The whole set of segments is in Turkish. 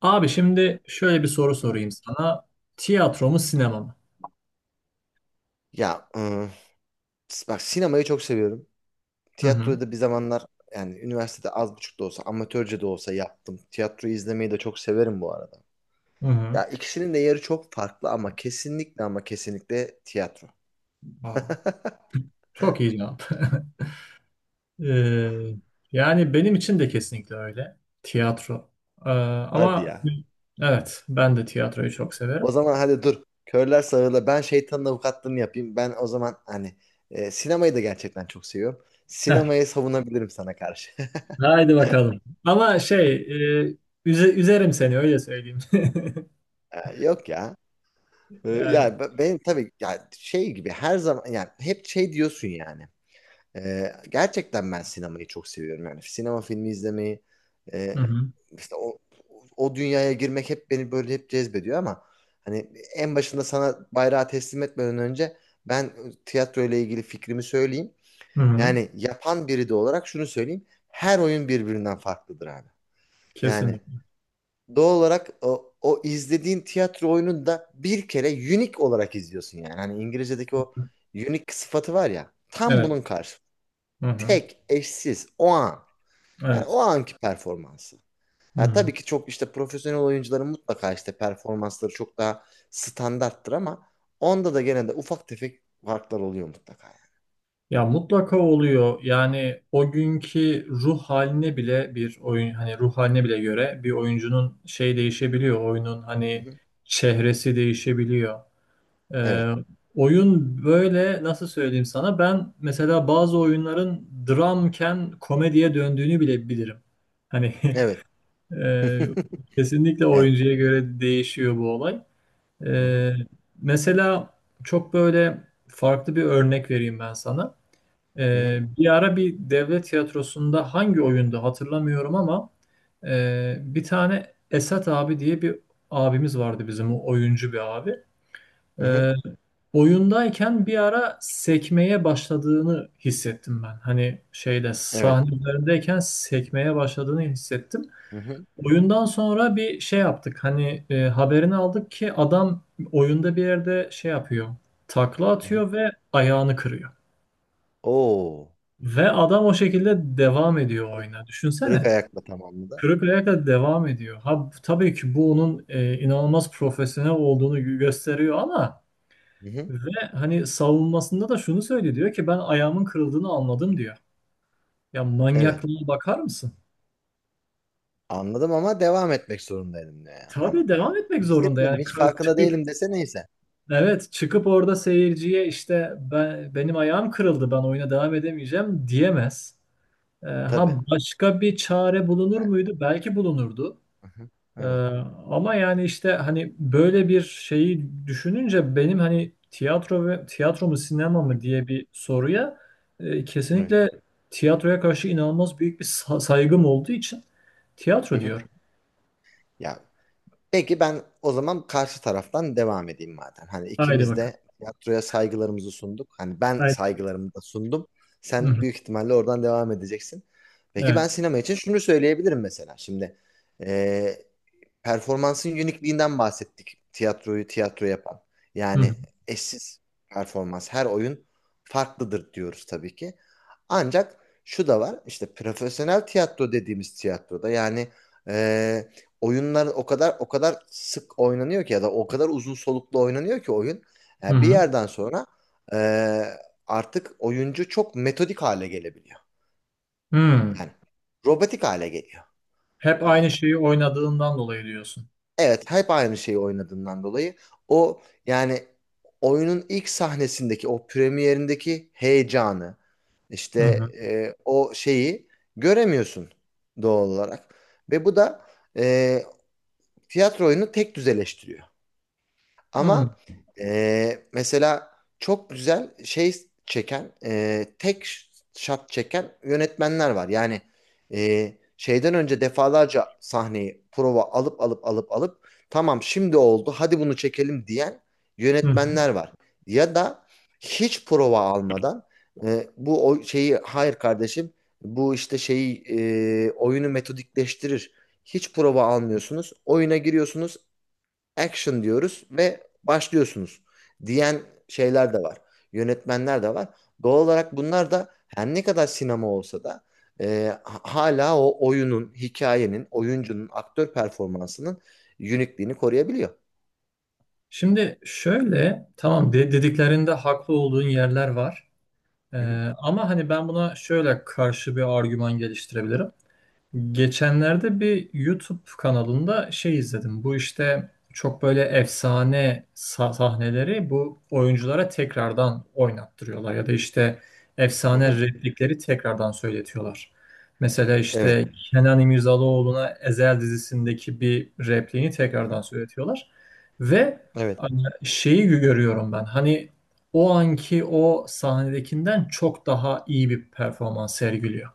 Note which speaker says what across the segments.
Speaker 1: Abi şimdi şöyle bir soru
Speaker 2: Hı hı.
Speaker 1: sorayım sana. Tiyatro mu sinema mı?
Speaker 2: Ya ıı, Bak sinemayı çok seviyorum.
Speaker 1: Hı hı.
Speaker 2: Tiyatroyu da bir zamanlar yani üniversitede az buçuk da olsa amatörce de olsa yaptım. Tiyatroyu izlemeyi de çok severim bu arada.
Speaker 1: Hı hı.
Speaker 2: Ya ikisinin de yeri çok farklı ama kesinlikle ama kesinlikle tiyatro.
Speaker 1: Aa, çok iyi cevap. Ee, yani benim için de kesinlikle öyle. Tiyatro. Ee,
Speaker 2: Hadi
Speaker 1: ama
Speaker 2: ya.
Speaker 1: evet ben de tiyatroyu çok severim.
Speaker 2: O zaman hadi dur. Körler sağırla ben şeytanın avukatlığını yapayım. Ben o zaman hani sinemayı da gerçekten çok seviyorum.
Speaker 1: Heh,
Speaker 2: Sinemayı savunabilirim sana karşı.
Speaker 1: haydi bakalım. Ama şey üzerim seni öyle söyleyeyim.
Speaker 2: Yok ya.
Speaker 1: Yani.
Speaker 2: Yani benim tabii yani şey gibi her zaman yani hep şey diyorsun yani. Gerçekten ben sinemayı çok seviyorum yani sinema filmi izlemeyi e,
Speaker 1: Hı hı.
Speaker 2: işte o dünyaya girmek hep beni böyle hep cezbediyor ama hani en başında sana bayrağı teslim etmeden önce ben tiyatro ile ilgili fikrimi söyleyeyim.
Speaker 1: Hı hı.
Speaker 2: Yani yapan biri de olarak şunu söyleyeyim. Her oyun birbirinden farklıdır abi. Yani
Speaker 1: Kesinlikle.
Speaker 2: doğal olarak o izlediğin tiyatro oyununu da bir kere unique olarak izliyorsun yani. Hani İngilizce'deki o unique sıfatı var ya. Tam
Speaker 1: Evet.
Speaker 2: bunun karşı.
Speaker 1: Hı hı.
Speaker 2: Tek, eşsiz, o an. Yani o
Speaker 1: Evet.
Speaker 2: anki performansı.
Speaker 1: Hı
Speaker 2: Ya
Speaker 1: hı.
Speaker 2: tabii ki çok işte profesyonel oyuncuların mutlaka işte performansları çok daha standarttır ama onda da gene de ufak tefek farklar oluyor mutlaka yani.
Speaker 1: Ya mutlaka oluyor. Yani o günkü ruh haline bile bir oyun hani ruh haline bile göre bir oyuncunun şey değişebiliyor. Oyunun
Speaker 2: Hı
Speaker 1: hani
Speaker 2: hı.
Speaker 1: çehresi değişebiliyor.
Speaker 2: Evet.
Speaker 1: Ee, oyun böyle nasıl söyleyeyim sana? Ben mesela bazı oyunların dramken komediye döndüğünü bile bilirim. Hani
Speaker 2: Evet.
Speaker 1: e, kesinlikle
Speaker 2: Evet.
Speaker 1: oyuncuya göre değişiyor bu olay.
Speaker 2: Hı hı.
Speaker 1: Ee, mesela çok böyle farklı bir örnek vereyim ben sana.
Speaker 2: Hı
Speaker 1: Ee,
Speaker 2: hı.
Speaker 1: bir ara bir devlet tiyatrosunda hangi oyunda hatırlamıyorum ama bir tane Esat abi diye bir abimiz vardı bizim, o oyuncu bir abi.
Speaker 2: Hı hı.
Speaker 1: Ee, oyundayken bir ara sekmeye başladığını hissettim ben. Hani şeyde,
Speaker 2: Evet.
Speaker 1: sahne üzerindeyken sekmeye başladığını hissettim.
Speaker 2: Hı hı.
Speaker 1: Oyundan sonra bir şey yaptık. Hani haberini aldık ki adam oyunda bir yerde şey yapıyor. Takla
Speaker 2: Hı hı.
Speaker 1: atıyor ve ayağını kırıyor.
Speaker 2: Oo.
Speaker 1: Ve adam o şekilde devam ediyor oyuna.
Speaker 2: Kırık
Speaker 1: Düşünsene.
Speaker 2: ayakla tamamladı.
Speaker 1: Kırık ayakla devam ediyor. Ha, tabii ki bu onun inanılmaz profesyonel olduğunu gösteriyor ama
Speaker 2: Hı hı.
Speaker 1: ve hani savunmasında da şunu söylüyor, diyor ki ben ayağımın kırıldığını anladım diyor. Ya
Speaker 2: Evet.
Speaker 1: manyaklığa bakar mısın?
Speaker 2: Anladım ama devam etmek zorundaydım diyor yani. Hani
Speaker 1: Tabii devam etmek zorunda
Speaker 2: hissetmedim
Speaker 1: yani.
Speaker 2: hiç farkında
Speaker 1: Çıkıp,
Speaker 2: değilim dese neyse.
Speaker 1: evet, çıkıp orada seyirciye işte ben, benim ayağım kırıldı, ben oyuna devam edemeyeceğim diyemez. E,
Speaker 2: Tabii.
Speaker 1: ha başka bir çare bulunur
Speaker 2: Evet.
Speaker 1: muydu? Belki bulunurdu.
Speaker 2: Hı hı.
Speaker 1: Ee,
Speaker 2: Evet.
Speaker 1: ama yani işte hani böyle bir şeyi düşününce, benim hani tiyatro ve tiyatro mu sinema
Speaker 2: Hı.
Speaker 1: mı diye bir soruya
Speaker 2: Evet.
Speaker 1: kesinlikle, tiyatroya karşı inanılmaz büyük bir saygım olduğu için
Speaker 2: Hı
Speaker 1: tiyatro
Speaker 2: hı.
Speaker 1: diyorum.
Speaker 2: Ya peki ben o zaman karşı taraftan devam edeyim madem. Hani
Speaker 1: Haydi
Speaker 2: ikimiz
Speaker 1: bakalım.
Speaker 2: de tiyatroya saygılarımızı sunduk. Hani ben
Speaker 1: Haydi.
Speaker 2: saygılarımı da sundum.
Speaker 1: Hı
Speaker 2: Sen
Speaker 1: hı.
Speaker 2: büyük ihtimalle oradan devam edeceksin. Peki ben
Speaker 1: Evet.
Speaker 2: sinema için şunu söyleyebilirim mesela. Şimdi eee, performansın unikliğinden bahsettik. Tiyatroyu tiyatro yapan.
Speaker 1: Hı hı.
Speaker 2: Yani eşsiz performans. Her oyun farklıdır diyoruz tabii ki. Ancak şu da var. İşte profesyonel tiyatro dediğimiz tiyatroda yani e, oyunlar o kadar sık oynanıyor ki ya da o kadar uzun soluklu oynanıyor ki oyun.
Speaker 1: Hı
Speaker 2: Yani bir
Speaker 1: hı.
Speaker 2: yerden sonra e, artık oyuncu çok metodik hale gelebiliyor.
Speaker 1: Hı.
Speaker 2: Yani robotik hale geliyor.
Speaker 1: Hep aynı şeyi oynadığından dolayı diyorsun.
Speaker 2: Evet, hep aynı şeyi oynadığından dolayı o yani oyunun ilk sahnesindeki o premierindeki heyecanı işte
Speaker 1: Hı hı.
Speaker 2: o şeyi göremiyorsun doğal olarak ve bu da e, tiyatro oyunu tek düzeleştiriyor.
Speaker 1: Anladım.
Speaker 2: Ama mesela çok güzel şey çeken, tek shot çeken yönetmenler var. Yani şeyden önce defalarca sahneyi prova alıp tamam şimdi oldu hadi bunu çekelim diyen
Speaker 1: Hı hı.
Speaker 2: yönetmenler var. Ya da hiç prova almadan bu o şeyi hayır kardeşim bu işte şeyi oyunu metodikleştirir. Hiç prova almıyorsunuz. Oyuna giriyorsunuz action diyoruz ve başlıyorsunuz diyen şeyler de var. Yönetmenler de var. Doğal olarak bunlar da her ne kadar sinema olsa da e, hala o oyunun, hikayenin, oyuncunun, aktör performansının unikliğini koruyabiliyor.
Speaker 1: Şimdi şöyle, tamam dediklerinde haklı olduğun yerler var. Ee,
Speaker 2: Hı hı.
Speaker 1: ama hani ben buna şöyle karşı bir argüman geliştirebilirim. Geçenlerde bir YouTube kanalında şey izledim. Bu işte çok böyle efsane sahneleri bu oyunculara tekrardan oynattırıyorlar ya da işte
Speaker 2: Hı
Speaker 1: efsane
Speaker 2: hı.
Speaker 1: replikleri tekrardan söyletiyorlar. Mesela
Speaker 2: Evet.
Speaker 1: işte Kenan İmirzalıoğlu'na Ezel dizisindeki bir repliğini
Speaker 2: Hı hı.
Speaker 1: tekrardan söyletiyorlar. Ve
Speaker 2: Evet.
Speaker 1: hani şeyi görüyorum ben. Hani o anki o sahnedekinden çok daha iyi bir performans sergiliyor.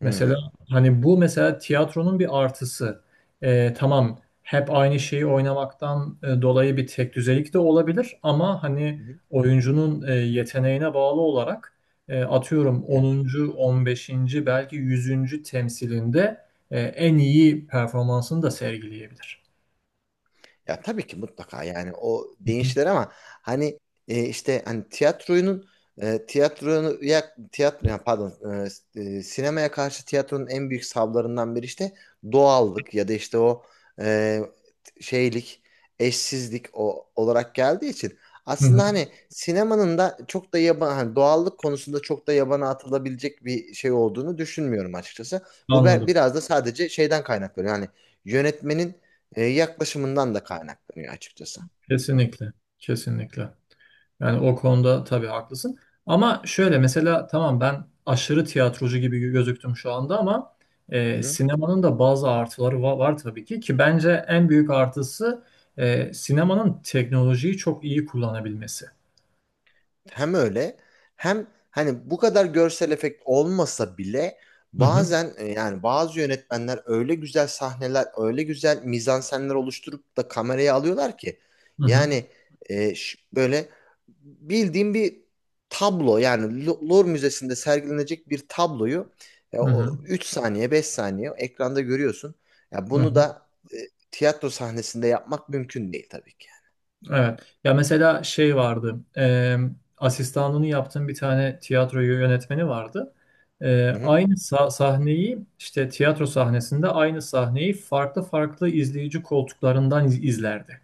Speaker 1: Mesela
Speaker 2: Hı.
Speaker 1: hani bu mesela tiyatronun bir artısı. Tamam, hep aynı şeyi oynamaktan dolayı bir tek düzelik de olabilir ama hani,
Speaker 2: Hı hı.
Speaker 1: oyuncunun yeteneğine bağlı olarak atıyorum
Speaker 2: Hı.
Speaker 1: onuncu, 15., belki 100. temsilinde en iyi performansını da sergileyebilir.
Speaker 2: Ya tabii ki mutlaka yani o
Speaker 1: Hı hı.
Speaker 2: değişler ama hani işte hani tiyatroyunun e, tiyatroya tiyatro yani pardon e, e, sinemaya karşı tiyatronun en büyük savlarından biri işte doğallık ya da işte o e, şeylik, eşsizlik olarak geldiği için
Speaker 1: Hı hı.
Speaker 2: aslında hani sinemanın da çok da yaban hani doğallık konusunda çok da yabana atılabilecek bir şey olduğunu düşünmüyorum açıkçası. Bu
Speaker 1: Anladım.
Speaker 2: biraz da sadece şeyden kaynaklanıyor. Yani yönetmenin yaklaşımından da kaynaklanıyor açıkçası.
Speaker 1: Kesinlikle. Kesinlikle. Yani o konuda tabii haklısın. Ama şöyle, mesela tamam, ben aşırı tiyatrocu gibi gözüktüm şu anda ama sinemanın da bazı artıları var, tabii ki bence en büyük artısı sinemanın teknolojiyi çok iyi kullanabilmesi.
Speaker 2: Hem öyle hem hani bu kadar görsel efekt olmasa bile
Speaker 1: Hı hı,
Speaker 2: bazen yani bazı yönetmenler öyle güzel sahneler, öyle güzel mizansenler oluşturup da kameraya alıyorlar ki
Speaker 1: hı hı,
Speaker 2: yani böyle bildiğim bir tablo yani Louvre Müzesi'nde sergilenecek bir tabloyu
Speaker 1: hı hı,
Speaker 2: o 3 saniye 5 saniye ekranda görüyorsun. Ya
Speaker 1: hı
Speaker 2: bunu
Speaker 1: hı.
Speaker 2: da e, tiyatro sahnesinde yapmak mümkün değil tabii ki.
Speaker 1: Evet. Ya mesela şey vardı. Asistanlığını yaptığım bir tane tiyatro yönetmeni vardı. E,
Speaker 2: Hı hı.
Speaker 1: aynı sahneyi işte, tiyatro sahnesinde aynı sahneyi farklı farklı izleyici koltuklarından izlerdi.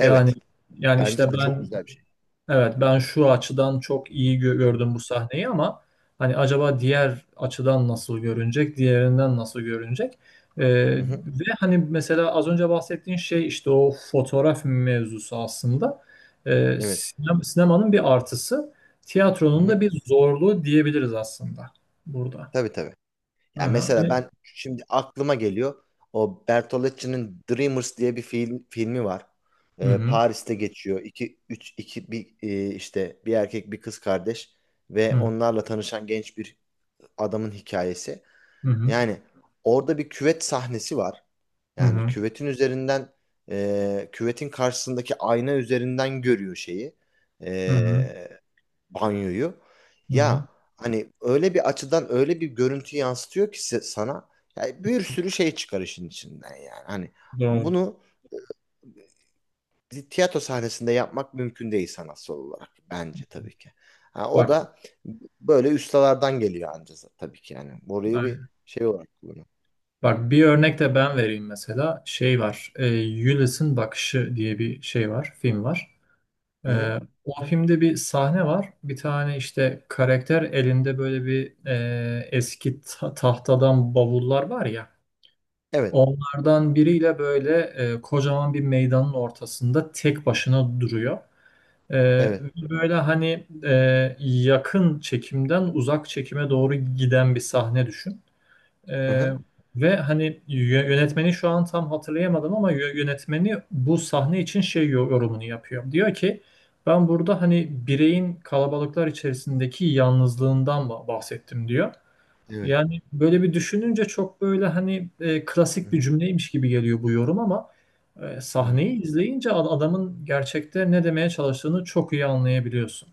Speaker 1: Yani yani işte
Speaker 2: Bence de çok
Speaker 1: ben.
Speaker 2: güzel bir şey.
Speaker 1: Evet, ben şu açıdan çok iyi
Speaker 2: Hı hı.
Speaker 1: gördüm bu sahneyi ama hani, acaba diğer açıdan nasıl görünecek, diğerinden nasıl görünecek? Ee,
Speaker 2: Hı hı.
Speaker 1: ve hani mesela az önce bahsettiğin şey, işte o fotoğraf mevzusu aslında Ee,
Speaker 2: Evet.
Speaker 1: sinemanın bir artısı,
Speaker 2: Hı
Speaker 1: tiyatronun
Speaker 2: hı.
Speaker 1: da bir zorluğu diyebiliriz aslında burada.
Speaker 2: Tabii tabii.
Speaker 1: Hı hı.
Speaker 2: Yani mesela
Speaker 1: Hani-
Speaker 2: ben şimdi aklıma geliyor. O Bertolucci'nin Dreamers diye bir filmi var.
Speaker 1: Hı hı.
Speaker 2: Paris'te geçiyor. İki, üç, iki, bir, e, işte bir erkek bir kız kardeş ve
Speaker 1: Hı hı.
Speaker 2: onlarla tanışan genç bir adamın hikayesi. Yani orada bir küvet sahnesi var.
Speaker 1: Hı
Speaker 2: Yani
Speaker 1: hı.
Speaker 2: küvetin üzerinden küvetin karşısındaki ayna üzerinden görüyor şeyi.
Speaker 1: Hı hı.
Speaker 2: Banyoyu.
Speaker 1: Hı hı.
Speaker 2: Ya hani öyle bir açıdan öyle bir görüntü yansıtıyor ki sana ya bir sürü şey çıkar işin içinden yani. Hani
Speaker 1: Doğru.
Speaker 2: bunu bir tiyatro sahnesinde yapmak mümkün değil sanatsal olarak bence tabii ki. Ha, o
Speaker 1: Bak.
Speaker 2: da böyle ustalardan geliyor anca tabii ki yani. Burayı bir şey olarak kullanıyor.
Speaker 1: Bak, bir örnek de ben vereyim mesela. Şey var. Ulysses'in Bakışı diye bir şey var. Film var.
Speaker 2: Hı hı.
Speaker 1: E, o filmde bir sahne var. Bir tane işte, karakter elinde böyle bir eski tahtadan bavullar var ya.
Speaker 2: Evet,
Speaker 1: Onlardan biriyle böyle kocaman bir meydanın ortasında tek başına duruyor. E, ve
Speaker 2: evet.
Speaker 1: böyle hani yakın çekimden uzak çekime doğru giden bir sahne düşün.
Speaker 2: Hı
Speaker 1: Ee,
Speaker 2: hı.
Speaker 1: ve hani yönetmeni şu an tam hatırlayamadım ama yönetmeni bu sahne için şey yorumunu yapıyor. Diyor ki ben burada hani bireyin kalabalıklar içerisindeki yalnızlığından bahsettim diyor.
Speaker 2: Evet.
Speaker 1: Yani böyle bir düşününce çok böyle hani
Speaker 2: Hı
Speaker 1: klasik bir
Speaker 2: hı.
Speaker 1: cümleymiş gibi geliyor bu yorum ama
Speaker 2: Evet.
Speaker 1: sahneyi izleyince adamın gerçekte ne demeye çalıştığını çok iyi anlayabiliyorsun.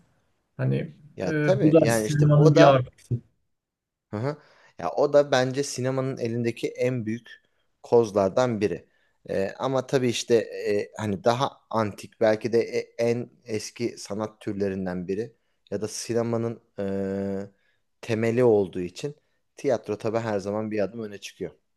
Speaker 1: Hani
Speaker 2: Ya
Speaker 1: bu
Speaker 2: tabii
Speaker 1: da
Speaker 2: yani işte
Speaker 1: sinemanın
Speaker 2: o
Speaker 1: bir
Speaker 2: da
Speaker 1: artısı.
Speaker 2: hı hı. Ya o da bence sinemanın elindeki en büyük kozlardan biri. Ama tabii işte hani daha antik belki de en eski sanat türlerinden biri ya da sinemanın e, temeli olduğu için tiyatro tabii her zaman bir adım öne çıkıyor.